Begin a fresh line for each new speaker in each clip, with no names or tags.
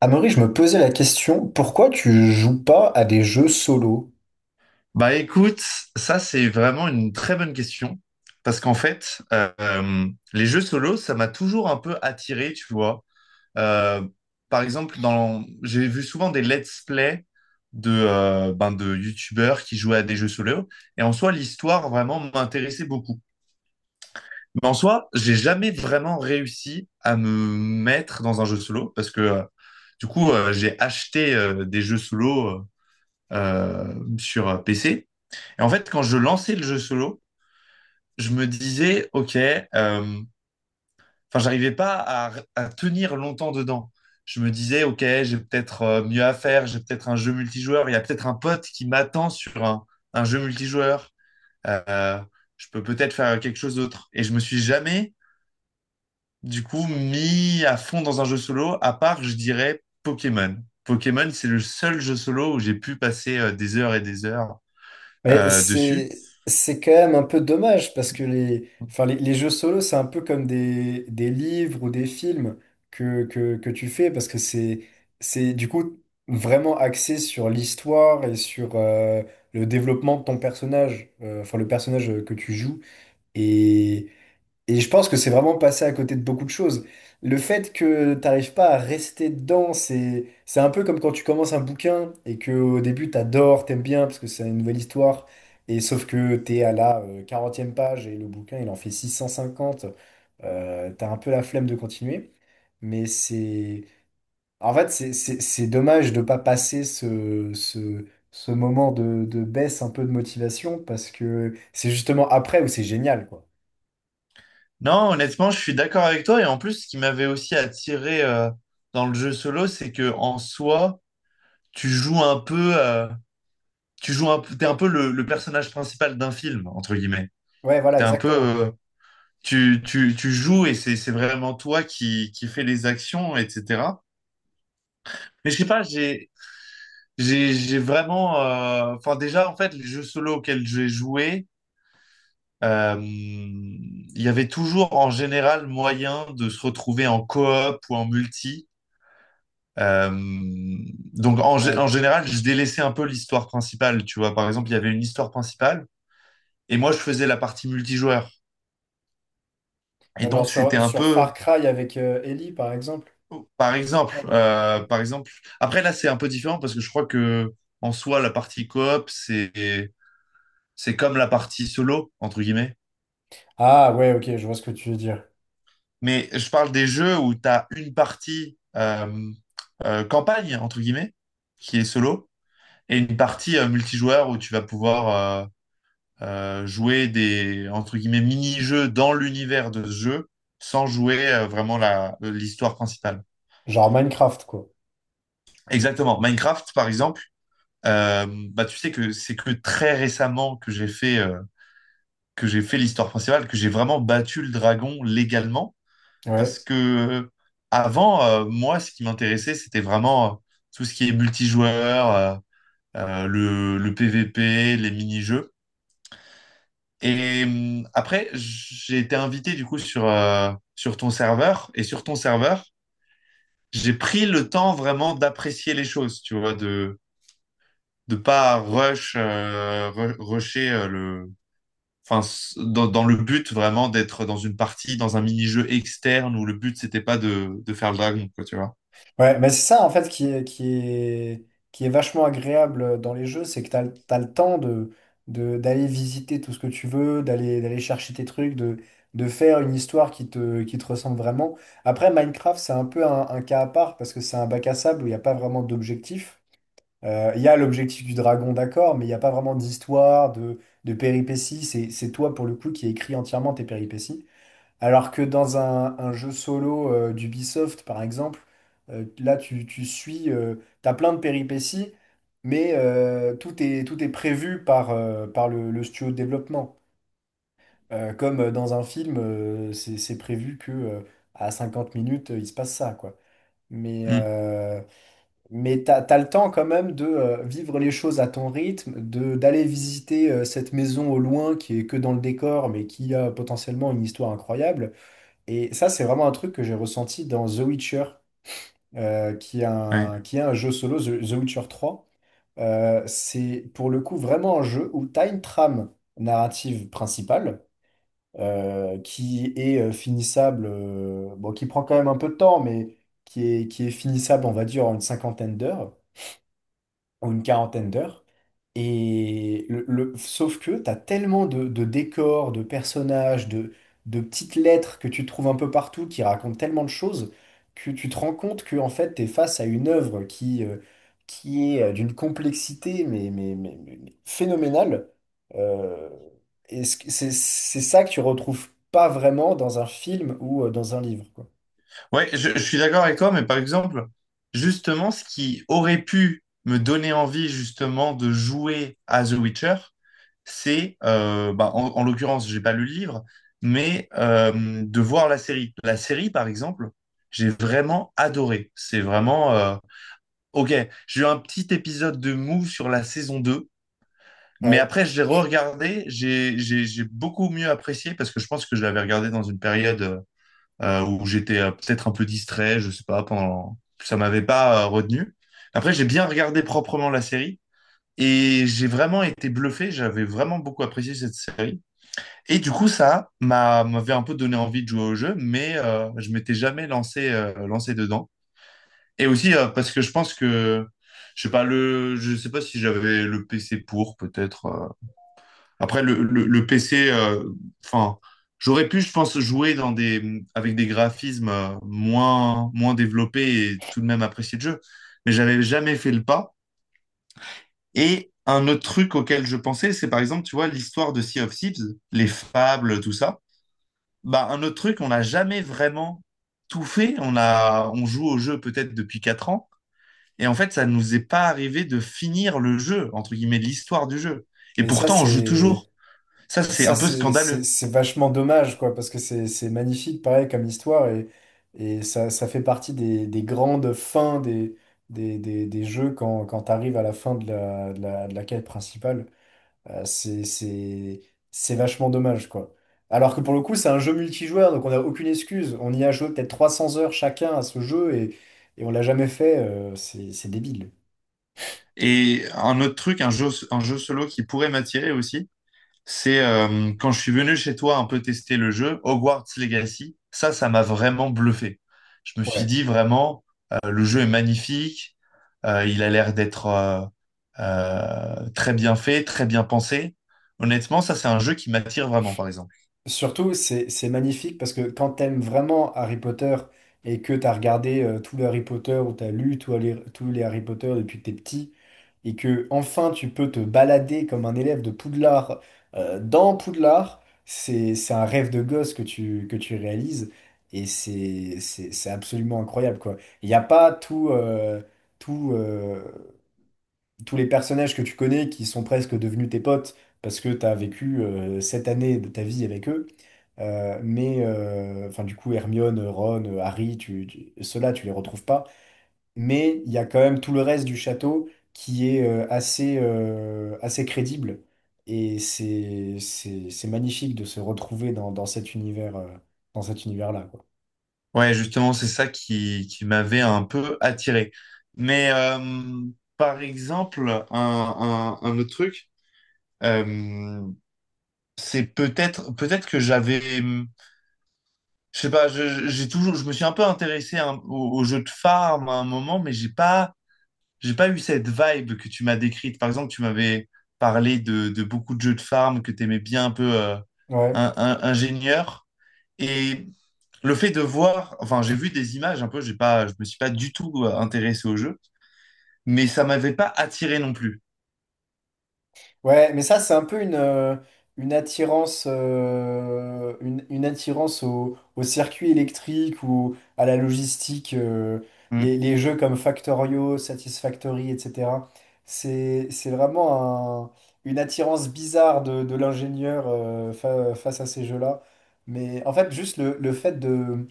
Amaury, je me posais la question, pourquoi tu joues pas à des jeux solo?
Bah écoute, ça c'est vraiment une très bonne question parce qu'en fait, les jeux solo, ça m'a toujours un peu attiré, tu vois. Euh, Par exemple, j'ai vu souvent des let's play de, de youtubeurs qui jouaient à des jeux solo et en soi, l'histoire vraiment m'intéressait beaucoup. Mais en soi, j'ai jamais vraiment réussi à me mettre dans un jeu solo parce que du coup, j'ai acheté des jeux solo sur PC. Et en fait, quand je lançais le jeu solo, je me disais, OK, enfin, j'arrivais pas à tenir longtemps dedans. Je me disais, OK, j'ai peut-être mieux à faire, j'ai peut-être un jeu multijoueur, il y a peut-être un pote qui m'attend sur un jeu multijoueur, Euh, je peux peut-être faire quelque chose d'autre. Et je me suis jamais, du coup, mis à fond dans un jeu solo, à part, je dirais, Pokémon. Pokémon, c'est le seul jeu solo où j'ai pu passer des heures et des heures
Mais
dessus.
c'est quand même un peu dommage parce que les enfin les jeux solo c'est un peu comme des livres ou des films que tu fais parce que c'est du coup vraiment axé sur l'histoire et sur le développement de ton personnage, enfin le personnage que tu joues. Et Et je pense que c'est vraiment passé à côté de beaucoup de choses. Le fait que t'arrives pas à rester dedans, c'est un peu comme quand tu commences un bouquin et que au début t'adores, t'aimes bien parce que c'est une nouvelle histoire. Et sauf que t'es à la 40e page et le bouquin il en fait 650, t'as un peu la flemme de continuer. Mais c'est en fait c'est dommage de pas passer ce moment de baisse un peu de motivation parce que c'est justement après où c'est génial quoi.
Non, honnêtement, je suis d'accord avec toi. Et en plus, ce qui m'avait aussi attiré dans le jeu solo, c'est que en soi, tu joues un peu, t'es un peu le personnage principal d'un film, entre guillemets.
Ouais, voilà,
T'es un peu,
exactement.
tu joues et c'est vraiment toi qui fais les actions, etc. Mais je sais pas, j'ai vraiment, enfin déjà, en fait, les jeux solo auxquels j'ai joué, il y avait toujours en général moyen de se retrouver en coop ou en multi. Euh, donc en
Ouais.
général, je délaissais un peu l'histoire principale, tu vois. Par exemple, il y avait une histoire principale et moi, je faisais la partie multijoueur. Et
Genre
donc, c'était
sur,
un
sur Far
peu,
Cry avec Ellie, par exemple.
par exemple,
Ah, non.
Après, là, c'est un peu différent parce que je crois que en soi, la partie coop, c'est comme la partie solo entre guillemets.
Ah, ouais, OK, je vois ce que tu veux dire.
Mais je parle des jeux où tu as une partie campagne entre guillemets qui est solo et une partie multijoueur où tu vas pouvoir jouer des entre guillemets mini-jeux dans l'univers de ce jeu sans jouer vraiment la l'histoire principale.
Genre Minecraft, quoi.
Exactement. Minecraft, par exemple, euh, bah tu sais que c'est que très récemment que j'ai fait l'histoire principale, que j'ai vraiment battu le dragon légalement, parce
Ouais.
que avant, moi, ce qui m'intéressait, c'était vraiment tout ce qui est multijoueur, le PVP, les mini-jeux. Et après, j'ai été invité du coup sur ton serveur. Et sur ton serveur, j'ai pris le temps vraiment d'apprécier les choses, tu vois, de pas rush, rusher le, enfin, dans le but vraiment d'être dans une partie, dans un mini-jeu externe où le but c'était pas de faire le dragon, quoi, tu vois.
Ouais, mais c'est ça, en fait, qui est vachement agréable dans les jeux, c'est que t'as le temps d'aller visiter tout ce que tu veux, d'aller chercher tes trucs, de faire une histoire qui te ressemble vraiment. Après, Minecraft, c'est un peu un cas à part parce que c'est un bac à sable où il n'y a pas vraiment d'objectif. Il y a l'objectif du dragon, d'accord, mais il n'y a pas vraiment d'histoire, de péripéties. C'est toi, pour le coup, qui écris entièrement tes péripéties. Alors que dans un jeu solo d'Ubisoft, par exemple, là, tu suis, t'as plein de péripéties, mais tout est prévu par le studio de développement. Comme dans un film, c'est prévu que à 50 minutes, il se passe ça, quoi. Mais,
Hum,
euh, mais t'as le temps quand même de vivre les choses à ton rythme, de d'aller visiter cette maison au loin qui est que dans le décor, mais qui a potentiellement une histoire incroyable. Et ça, c'est vraiment un truc que j'ai ressenti dans The Witcher, qui est
ouais.
un, qui est un jeu solo, The Witcher 3. C'est pour le coup vraiment un jeu où tu as une trame narrative principale qui est finissable, bon, qui prend quand même un peu de temps, mais qui est finissable, on va dire, en une cinquantaine d'heures, en une quarantaine d'heures. Sauf que tu as tellement de décors, de personnages, de petites lettres que tu trouves un peu partout qui racontent tellement de choses que tu te rends compte que en fait, tu es face à une œuvre qui est d'une complexité mais phénoménale. Euh, et ce que- c'est ça que tu retrouves pas vraiment dans un film ou dans un livre, quoi.
Ouais, je suis d'accord avec toi, mais par exemple, justement, ce qui aurait pu me donner envie justement de jouer à The Witcher, c'est, bah, en l'occurrence, j'ai pas lu le livre, mais de voir la série. La série, par exemple, j'ai vraiment adoré. C'est vraiment, OK, j'ai eu un petit épisode de mou sur la saison 2, mais
Ouais,
après, je l'ai re-regardé, j'ai beaucoup mieux apprécié parce que je pense que je l'avais regardé dans une période où j'étais peut-être un peu distrait, je sais pas, pendant ça m'avait pas retenu. Après, j'ai bien regardé proprement la série et j'ai vraiment été bluffé, j'avais vraiment beaucoup apprécié cette série. Et du coup, ça m'avait un peu donné envie de jouer au jeu, mais je m'étais jamais lancé dedans. Et aussi parce que je pense que je sais pas le je sais pas si j'avais le PC pour peut-être après, le PC, enfin, j'aurais pu, je pense, jouer dans des, avec des graphismes moins développés et tout de même apprécier le jeu. Mais j'avais jamais fait le pas. Et un autre truc auquel je pensais, c'est par exemple, tu vois, l'histoire de Sea of Thieves, les fables, tout ça. Bah, un autre truc, on n'a jamais vraiment tout fait. On joue au jeu peut-être depuis 4 ans. Et en fait, ça nous est pas arrivé de finir le jeu, entre guillemets, l'histoire du jeu. Et
mais ça,
pourtant, on joue
c'est.
toujours. Ça, c'est
Ça,
un peu
c'est c'est-
scandaleux.
c'est vachement dommage, quoi, parce que c'est magnifique, pareil, comme histoire, et ça, ça fait partie des grandes fins des jeux quand tu arrives à la fin de la quête principale. Euh, c'est c'est- c'est vachement dommage, quoi. Alors que pour le coup, c'est un jeu multijoueur, donc on n'a aucune excuse. On y a joué peut-être 300 heures chacun à ce jeu, et on l'a jamais fait. C'est débile.
Et un autre truc, un jeu solo qui pourrait m'attirer aussi, c'est quand je suis venu chez toi un peu tester le jeu, Hogwarts Legacy, ça m'a vraiment bluffé. Je me suis
Ouais.
dit vraiment, le jeu est magnifique, il a l'air d'être très bien fait, très bien pensé. Honnêtement, ça, c'est un jeu qui m'attire vraiment, par exemple.
Surtout, c'est magnifique parce que quand t'aimes vraiment Harry Potter et que t'as regardé tous les Harry Potter ou t'as lu tous les Harry Potter depuis que t'es petit et que enfin tu peux te balader comme un élève de Poudlard dans Poudlard, c'est un rêve de gosse que tu réalises et c'est absolument incroyable quoi. Il n'y a pas tout, euh, tous les personnages que tu connais qui sont presque devenus tes potes parce que t'as vécu cette année de ta vie avec eux. Mais enfin, du coup, Hermione, Ron, Harry, ceux-là, tu les retrouves pas. Mais il y a quand même tout le reste du château qui est assez, assez crédible. Et c'est magnifique de se retrouver dans cet univers, dans cet univers-là, quoi.
Ouais, justement, c'est ça qui m'avait un peu attiré. Mais par exemple, un autre truc, euh, c'est peut-être que j'avais je sais pas j'ai toujours je me suis un peu intéressé à au jeu de farm à un moment mais j'ai pas eu cette vibe que tu m'as décrite, par exemple tu m'avais parlé de beaucoup de jeux de farm que tu aimais bien un peu
Ouais.
ingénieur et le fait de voir, enfin j'ai vu des images, un peu j'ai pas, je me suis pas du tout intéressé au jeu mais ça m'avait pas attiré non plus.
Ouais, mais ça, c'est un peu une attirance, une attirance au circuit électrique ou à la logistique,
Hmm.
les jeux comme Factorio, Satisfactory, etc. C'est, c'est vraiment un- une attirance bizarre de l'ingénieur face à ces jeux-là. Mais en fait, juste le fait de,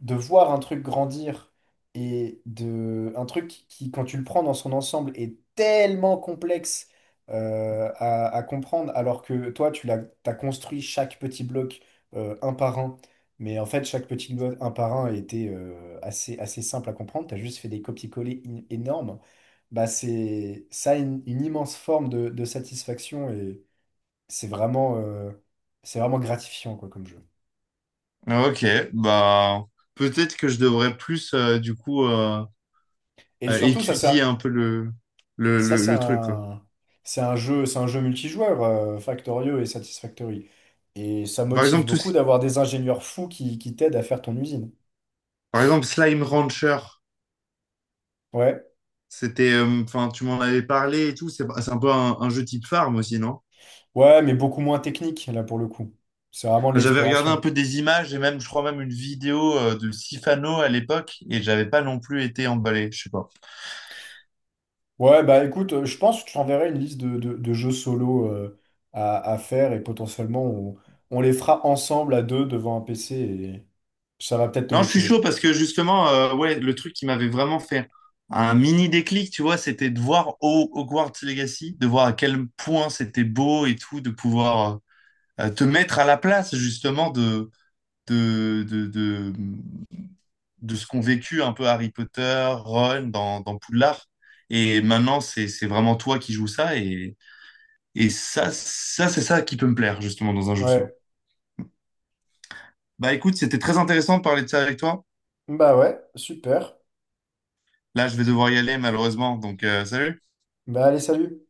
de voir un truc grandir et de, un truc qui, quand tu le prends dans son ensemble, est tellement complexe à comprendre, alors que toi, t'as construit chaque petit bloc un par un, mais en fait, chaque petit bloc un par un était assez, assez simple à comprendre, tu as juste fait des copier-coller énormes, bah, ça a une immense forme de satisfaction et c'est vraiment, euh, c'est vraiment gratifiant quoi, comme jeu.
OK, bah peut-être que je devrais plus du coup,
Et surtout, ça
étudier
sert.
un peu le, le,
Ça,
le,
c'est
le truc, quoi.
un, c'est un jeu, c'est un jeu multijoueur, Factorio et Satisfactory. Et ça
Par
motive
exemple,
beaucoup d'avoir des ingénieurs fous qui t'aident à faire ton usine.
par exemple, Slime Rancher,
Ouais.
c'était, enfin, tu m'en avais parlé et tout, c'est un peu un jeu type farm aussi, non?
Ouais, mais beaucoup moins technique, là, pour le coup. C'est vraiment de
Enfin, j'avais regardé un
l'exploration.
peu des images et même, je crois même une vidéo de Sifano à l'époque et j'avais pas non plus été emballé, je sais pas.
Ouais, bah écoute, je pense que je t'enverrai une liste de jeux solo à faire et potentiellement on les fera ensemble à deux devant un PC et ça va peut-être te
Non, je suis chaud
motiver.
parce que justement, ouais, le truc qui m'avait vraiment fait un mini déclic, tu vois, c'était de voir Hogwarts Legacy, de voir à quel point c'était beau et tout, de pouvoir te mettre à la place justement de, de, de, de ce qu'ont vécu un peu Harry Potter, Ron dans, dans Poudlard. Et maintenant, c'est vraiment toi qui joues ça. Et ça, ça c'est ça qui peut me plaire, justement, dans un jeu solo.
Ouais.
Bah écoute, c'était très intéressant de parler de ça avec toi.
Bah ouais, super.
Là, je vais devoir y aller, malheureusement. Donc, salut.
Bah allez, salut.